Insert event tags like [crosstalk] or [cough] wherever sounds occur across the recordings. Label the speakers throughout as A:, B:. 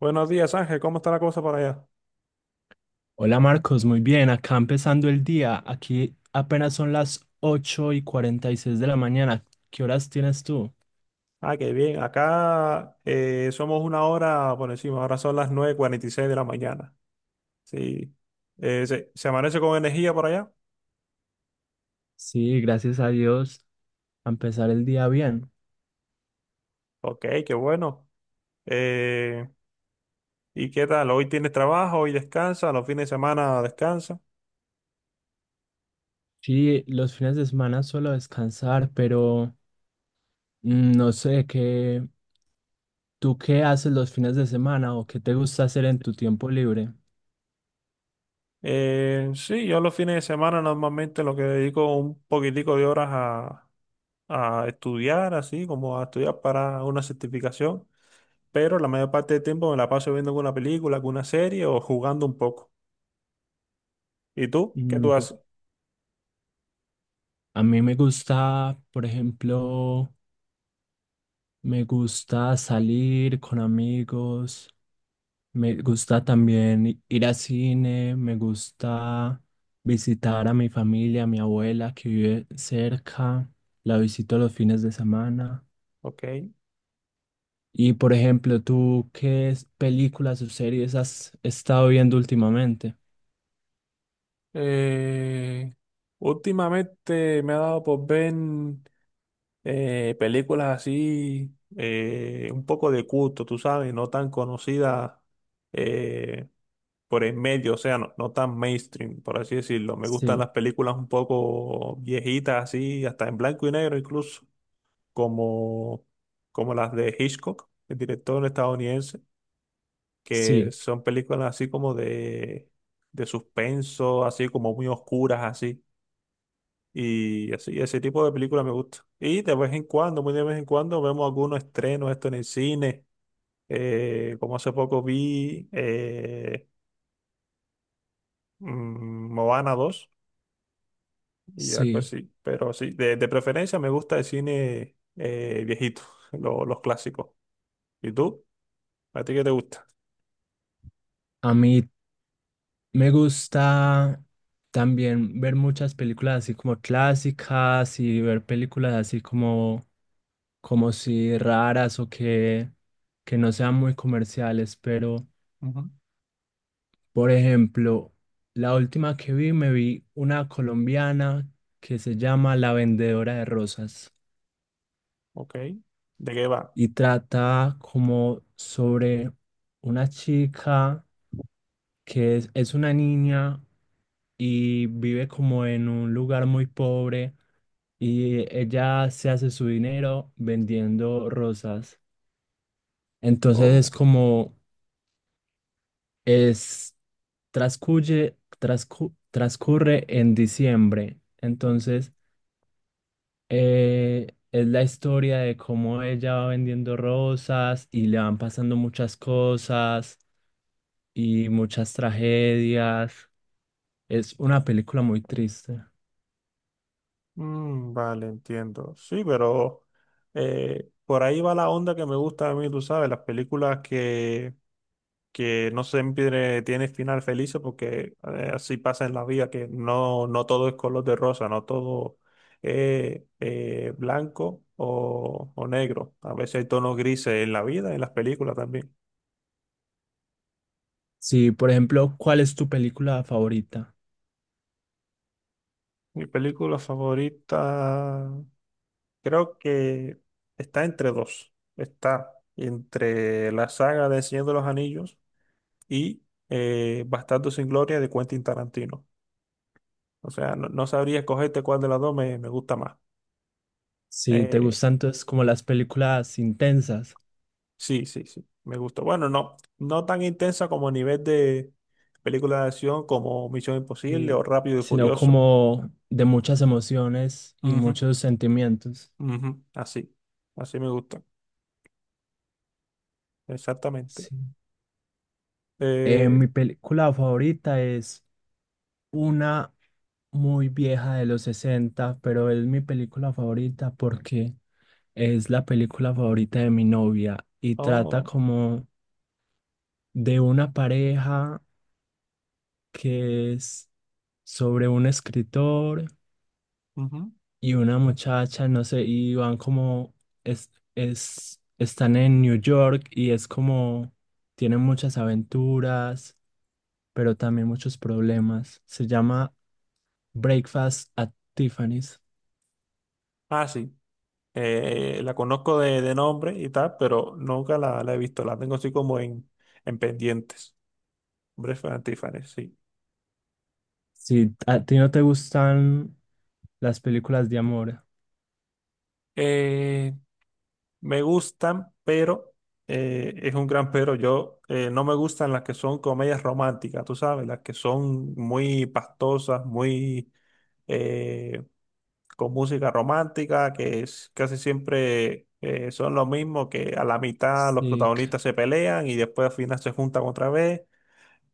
A: Buenos días, Ángel. ¿Cómo está la cosa por allá?
B: Hola Marcos, muy bien, acá empezando el día. Aquí apenas son las 8:46 de la mañana. ¿Qué horas tienes tú?
A: Ah, qué bien. Acá somos una hora por encima. Ahora son las 9:46 de la mañana. Sí. ¿Se amanece con energía por allá?
B: Sí, gracias a Dios, a empezar el día bien.
A: Ok, qué bueno. Eh, ¿Y qué tal? ¿Hoy tienes trabajo? ¿Hoy descansa? ¿Los fines de semana descansa?
B: Sí, los fines de semana suelo descansar, pero no sé qué, ¿tú qué haces los fines de semana o qué te gusta hacer en tu tiempo libre?
A: Sí, yo los fines de semana normalmente lo que dedico un poquitico de horas a estudiar, así como a estudiar para una certificación. Pero la mayor parte del tiempo me la paso viendo alguna película, alguna serie o jugando un poco. ¿Y tú? ¿Qué
B: Mm,
A: tú
B: por-
A: haces?
B: a mí me gusta, por ejemplo, me gusta salir con amigos. Me gusta también ir al cine, me gusta visitar a mi familia, a mi abuela que vive cerca, la visito los fines de semana.
A: Ok.
B: Y por ejemplo, ¿tú qué películas o series has estado viendo últimamente?
A: Eh, Últimamente me ha dado por ver películas así, un poco de culto, tú sabes, no tan conocidas eh, por el medio, o sea, no, no tan mainstream, por así decirlo. Me gustan
B: Sí,
A: las películas un poco viejitas, así, hasta en blanco y negro incluso, como, como las de Hitchcock, el director estadounidense, que
B: sí,
A: son películas así como de suspenso, así como muy oscuras, así. Y así, ese tipo de películas me gusta. Y de vez en cuando, muy de vez en cuando, vemos algunos estrenos, esto en el cine. Como hace poco vi Moana dos y algo
B: sí.
A: así. Pero sí, de preferencia me gusta el cine viejito, [laughs] los clásicos. ¿Y tú? ¿A ti qué te gusta?
B: A mí me gusta también ver muchas películas así como clásicas y ver películas así como si raras o que no sean muy comerciales, pero
A: Ujú.
B: por ejemplo, la última que vi, me vi una colombiana que se llama La Vendedora de Rosas
A: Ok. ¿De qué va?
B: y trata como sobre una chica que es una niña y vive como en un lugar muy pobre y ella se hace su dinero vendiendo rosas. Entonces es
A: Oh,
B: como Es, transcurre en diciembre.
A: ok.
B: Entonces, es la historia de cómo ella va vendiendo rosas y le van pasando muchas cosas y muchas tragedias. Es una película muy triste.
A: Mm, vale, entiendo. Sí, pero por ahí va la onda que me gusta a mí, tú sabes, las películas que no siempre tienen final feliz porque así pasa en la vida, que no, no todo es color de rosa, no todo es blanco o negro. A veces hay tonos grises en la vida, en las películas también.
B: Sí, por ejemplo, ¿cuál es tu película favorita?
A: Mi película favorita creo que está entre dos. Está entre la saga de Señor de los Anillos y Bastardo sin Gloria de Quentin Tarantino. O sea, no, no sabría escogerte cuál de las dos me, me gusta más.
B: Si te
A: Eh,
B: gustan entonces como las películas intensas,
A: sí, sí, sí, me gusta. Bueno, no, no tan intensa como a nivel de película de acción como Misión Imposible o
B: sí,
A: Rápido y
B: sino
A: Furioso.
B: como de muchas emociones y
A: Ujú,
B: muchos sentimientos.
A: ujú, así, así me gusta, exactamente.
B: Sí. Eh,
A: Eh,
B: mi película favorita es una muy vieja de los 60 pero es mi película favorita porque es la película favorita de mi novia y trata
A: oh,
B: como de una pareja que es sobre un escritor
A: ujú.
B: y una muchacha, no sé, y van como, están en New York y es como, tienen muchas aventuras, pero también muchos problemas. Se llama... Breakfast at Tiffany's.
A: Ah, sí. La conozco de nombre y tal, pero nunca la, la he visto. La tengo así como en pendientes. Breath and Tiffany, sí.
B: Si a ti no te gustan las películas de amor.
A: Eh, Me gustan, pero es un gran pero. Yo no me gustan las que son comedias románticas, tú sabes, las que son muy pastosas, muy eh, con música romántica, que es casi siempre, son lo mismo, que a la mitad los
B: Sí,
A: protagonistas se pelean y después al final se juntan otra vez.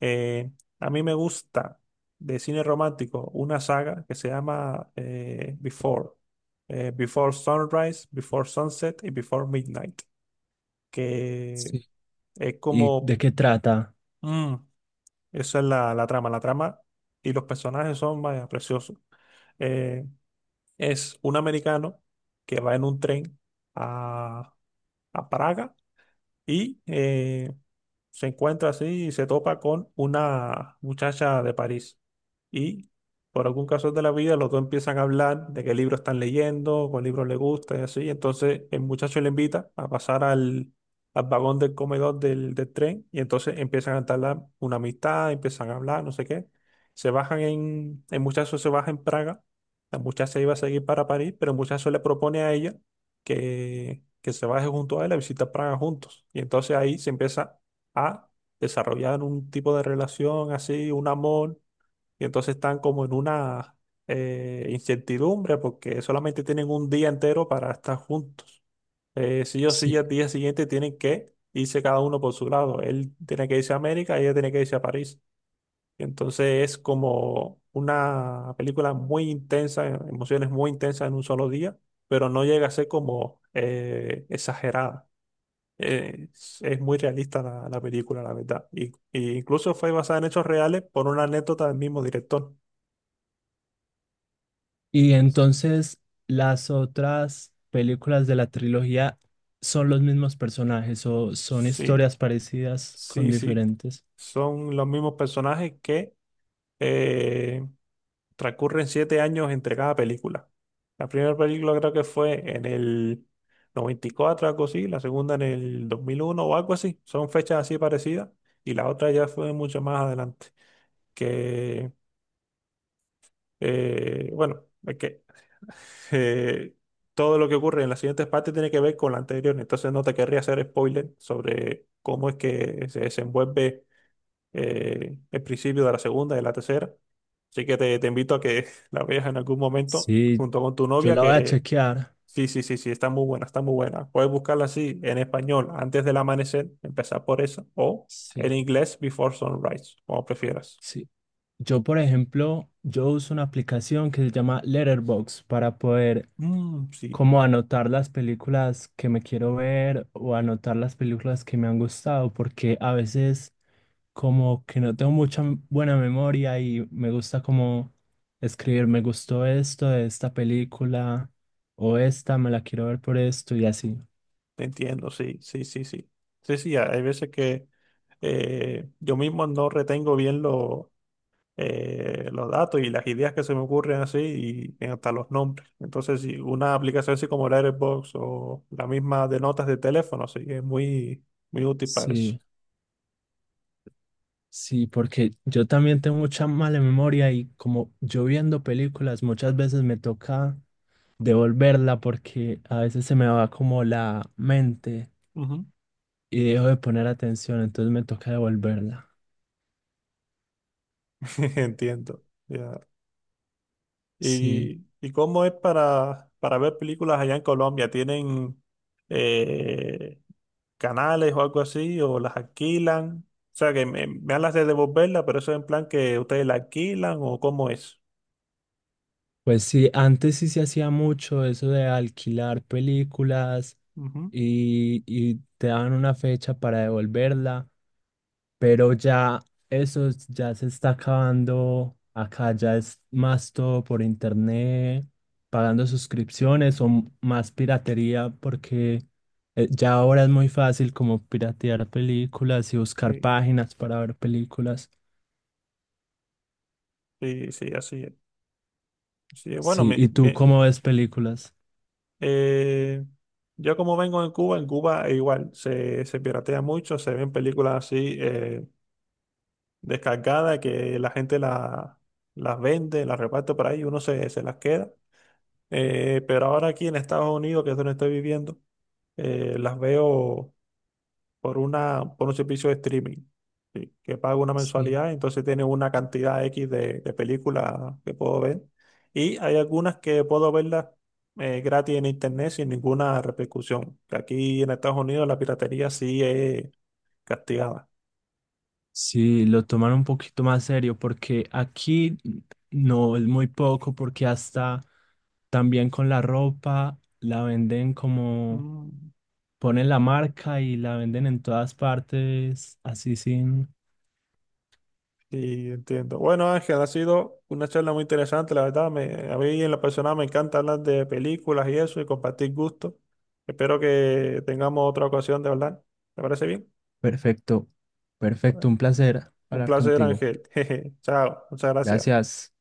A: Eh, a mí me gusta de cine romántico una saga que se llama Before. Before Sunrise, Before Sunset y Before Midnight. Que
B: sí.
A: es
B: ¿Y de
A: como...
B: qué trata?
A: mm, esa es la, la trama. La trama y los personajes son, vaya, preciosos. Eh, es un americano que va en un tren a, a Praga y se encuentra así y se topa con una muchacha de París. Y por algún caso de la vida, los dos empiezan a hablar de qué libro están leyendo, cuál libro les gusta y así. Entonces el muchacho le invita a pasar al, al vagón del comedor del, del tren y entonces empiezan a entablar una amistad, empiezan a hablar, no sé qué. Se bajan en, el muchacho se baja en Praga, la muchacha iba a seguir para París, pero el muchacho le propone a ella que se baje junto a él a visitar Praga juntos. Y entonces ahí se empieza a desarrollar un tipo de relación así, un amor, y entonces están como en una incertidumbre porque solamente tienen un día entero para estar juntos. Sí o sí,
B: Sí.
A: al día siguiente tienen que irse cada uno por su lado. Él tiene que irse a América, ella tiene que irse a París. Entonces es como una película muy intensa, emociones muy intensas en un solo día, pero no llega a ser como exagerada. Es muy realista la, la película, la verdad. Y incluso fue basada en hechos reales por una anécdota del mismo director.
B: Y entonces las otras películas de la trilogía son los mismos personajes o son
A: Sí,
B: historias parecidas con
A: sí, sí.
B: diferentes.
A: Son los mismos personajes que eh, transcurren siete años entre cada película. La primera película creo que fue en el 94, algo así, la segunda en el 2001 o algo así. Son fechas así parecidas y la otra ya fue mucho más adelante. Que, bueno, es que [laughs] eh, todo lo que ocurre en las siguientes partes tiene que ver con la anterior, entonces no te querría hacer spoiler sobre cómo es que se desenvuelve el principio de la segunda y de la tercera. Así que te invito a que [laughs] la veas en algún momento
B: Sí,
A: junto con tu
B: yo
A: novia,
B: la voy a
A: que
B: chequear.
A: sí, sí, sí, sí, está muy buena, está muy buena. Puedes buscarla así en español antes del amanecer, empezar por esa, o
B: Sí,
A: en inglés Before Sunrise, como prefieras.
B: sí. Yo, por ejemplo, yo uso una aplicación que se llama Letterboxd para poder
A: Mm, sí,
B: como anotar las películas que me quiero ver o anotar las películas que me han gustado, porque a veces como que no tengo mucha buena memoria y me gusta como escribir, me gustó esto de esta película o esta, me la quiero ver por esto y así.
A: te entiendo, sí, sí, sí, sí. Sí, sí, hay veces que yo mismo no retengo bien lo, los datos y las ideas que se me ocurren así y hasta los nombres. Entonces, si una aplicación así como la Airbox o la misma de notas de teléfono, sí, es muy, muy útil para eso.
B: Sí, sí, porque yo también tengo mucha mala memoria y como yo viendo películas muchas veces me toca devolverla porque a veces se me va como la mente
A: Ujú.
B: y dejo de poner atención, entonces me toca devolverla.
A: [laughs] Entiendo. Ya.
B: Sí,
A: Y cómo es para ver películas allá en Colombia? ¿Tienen eh, canales o algo así? ¿O las alquilan? O sea, que me hablas de devolverla, pero eso es en plan que ustedes la alquilan o cómo es.
B: pues sí, antes sí se hacía mucho eso de alquilar películas
A: Ujú,
B: y te daban una fecha para devolverla, pero ya eso ya se está acabando. Acá ya es más todo por internet, pagando suscripciones o más piratería, porque ya ahora es muy fácil como piratear películas y buscar
A: sí,
B: páginas para ver películas.
A: sí, sí, así es. Sí, bueno,
B: Sí, ¿y tú cómo ves películas?
A: eh, yo como vengo en Cuba igual se, se piratea mucho, se ven películas así descargadas que la gente las vende, las reparte por ahí y uno se, se las queda. Pero ahora aquí en Estados Unidos, que es donde estoy viviendo, las veo por una, por un servicio de streaming, ¿sí? Que pago una
B: Sí.
A: mensualidad, entonces tiene una cantidad X de películas que puedo ver. Y hay algunas que puedo verlas gratis en internet sin ninguna repercusión. Que aquí en Estados Unidos la piratería sí es castigada.
B: Sí, lo toman un poquito más serio porque aquí no es muy poco porque hasta también con la ropa la venden como
A: Mm,
B: ponen la marca y la venden en todas partes, así sin...
A: sí, entiendo. Bueno, Ángel, ha sido una charla muy interesante, la verdad. Me, a mí en la persona me encanta hablar de películas y eso y compartir gustos. Espero que tengamos otra ocasión de hablar. ¿Te parece bien?
B: Perfecto, perfecto, un placer
A: Un
B: hablar
A: placer,
B: contigo.
A: Ángel. [laughs] Jeje. Chao. Muchas gracias.
B: Gracias.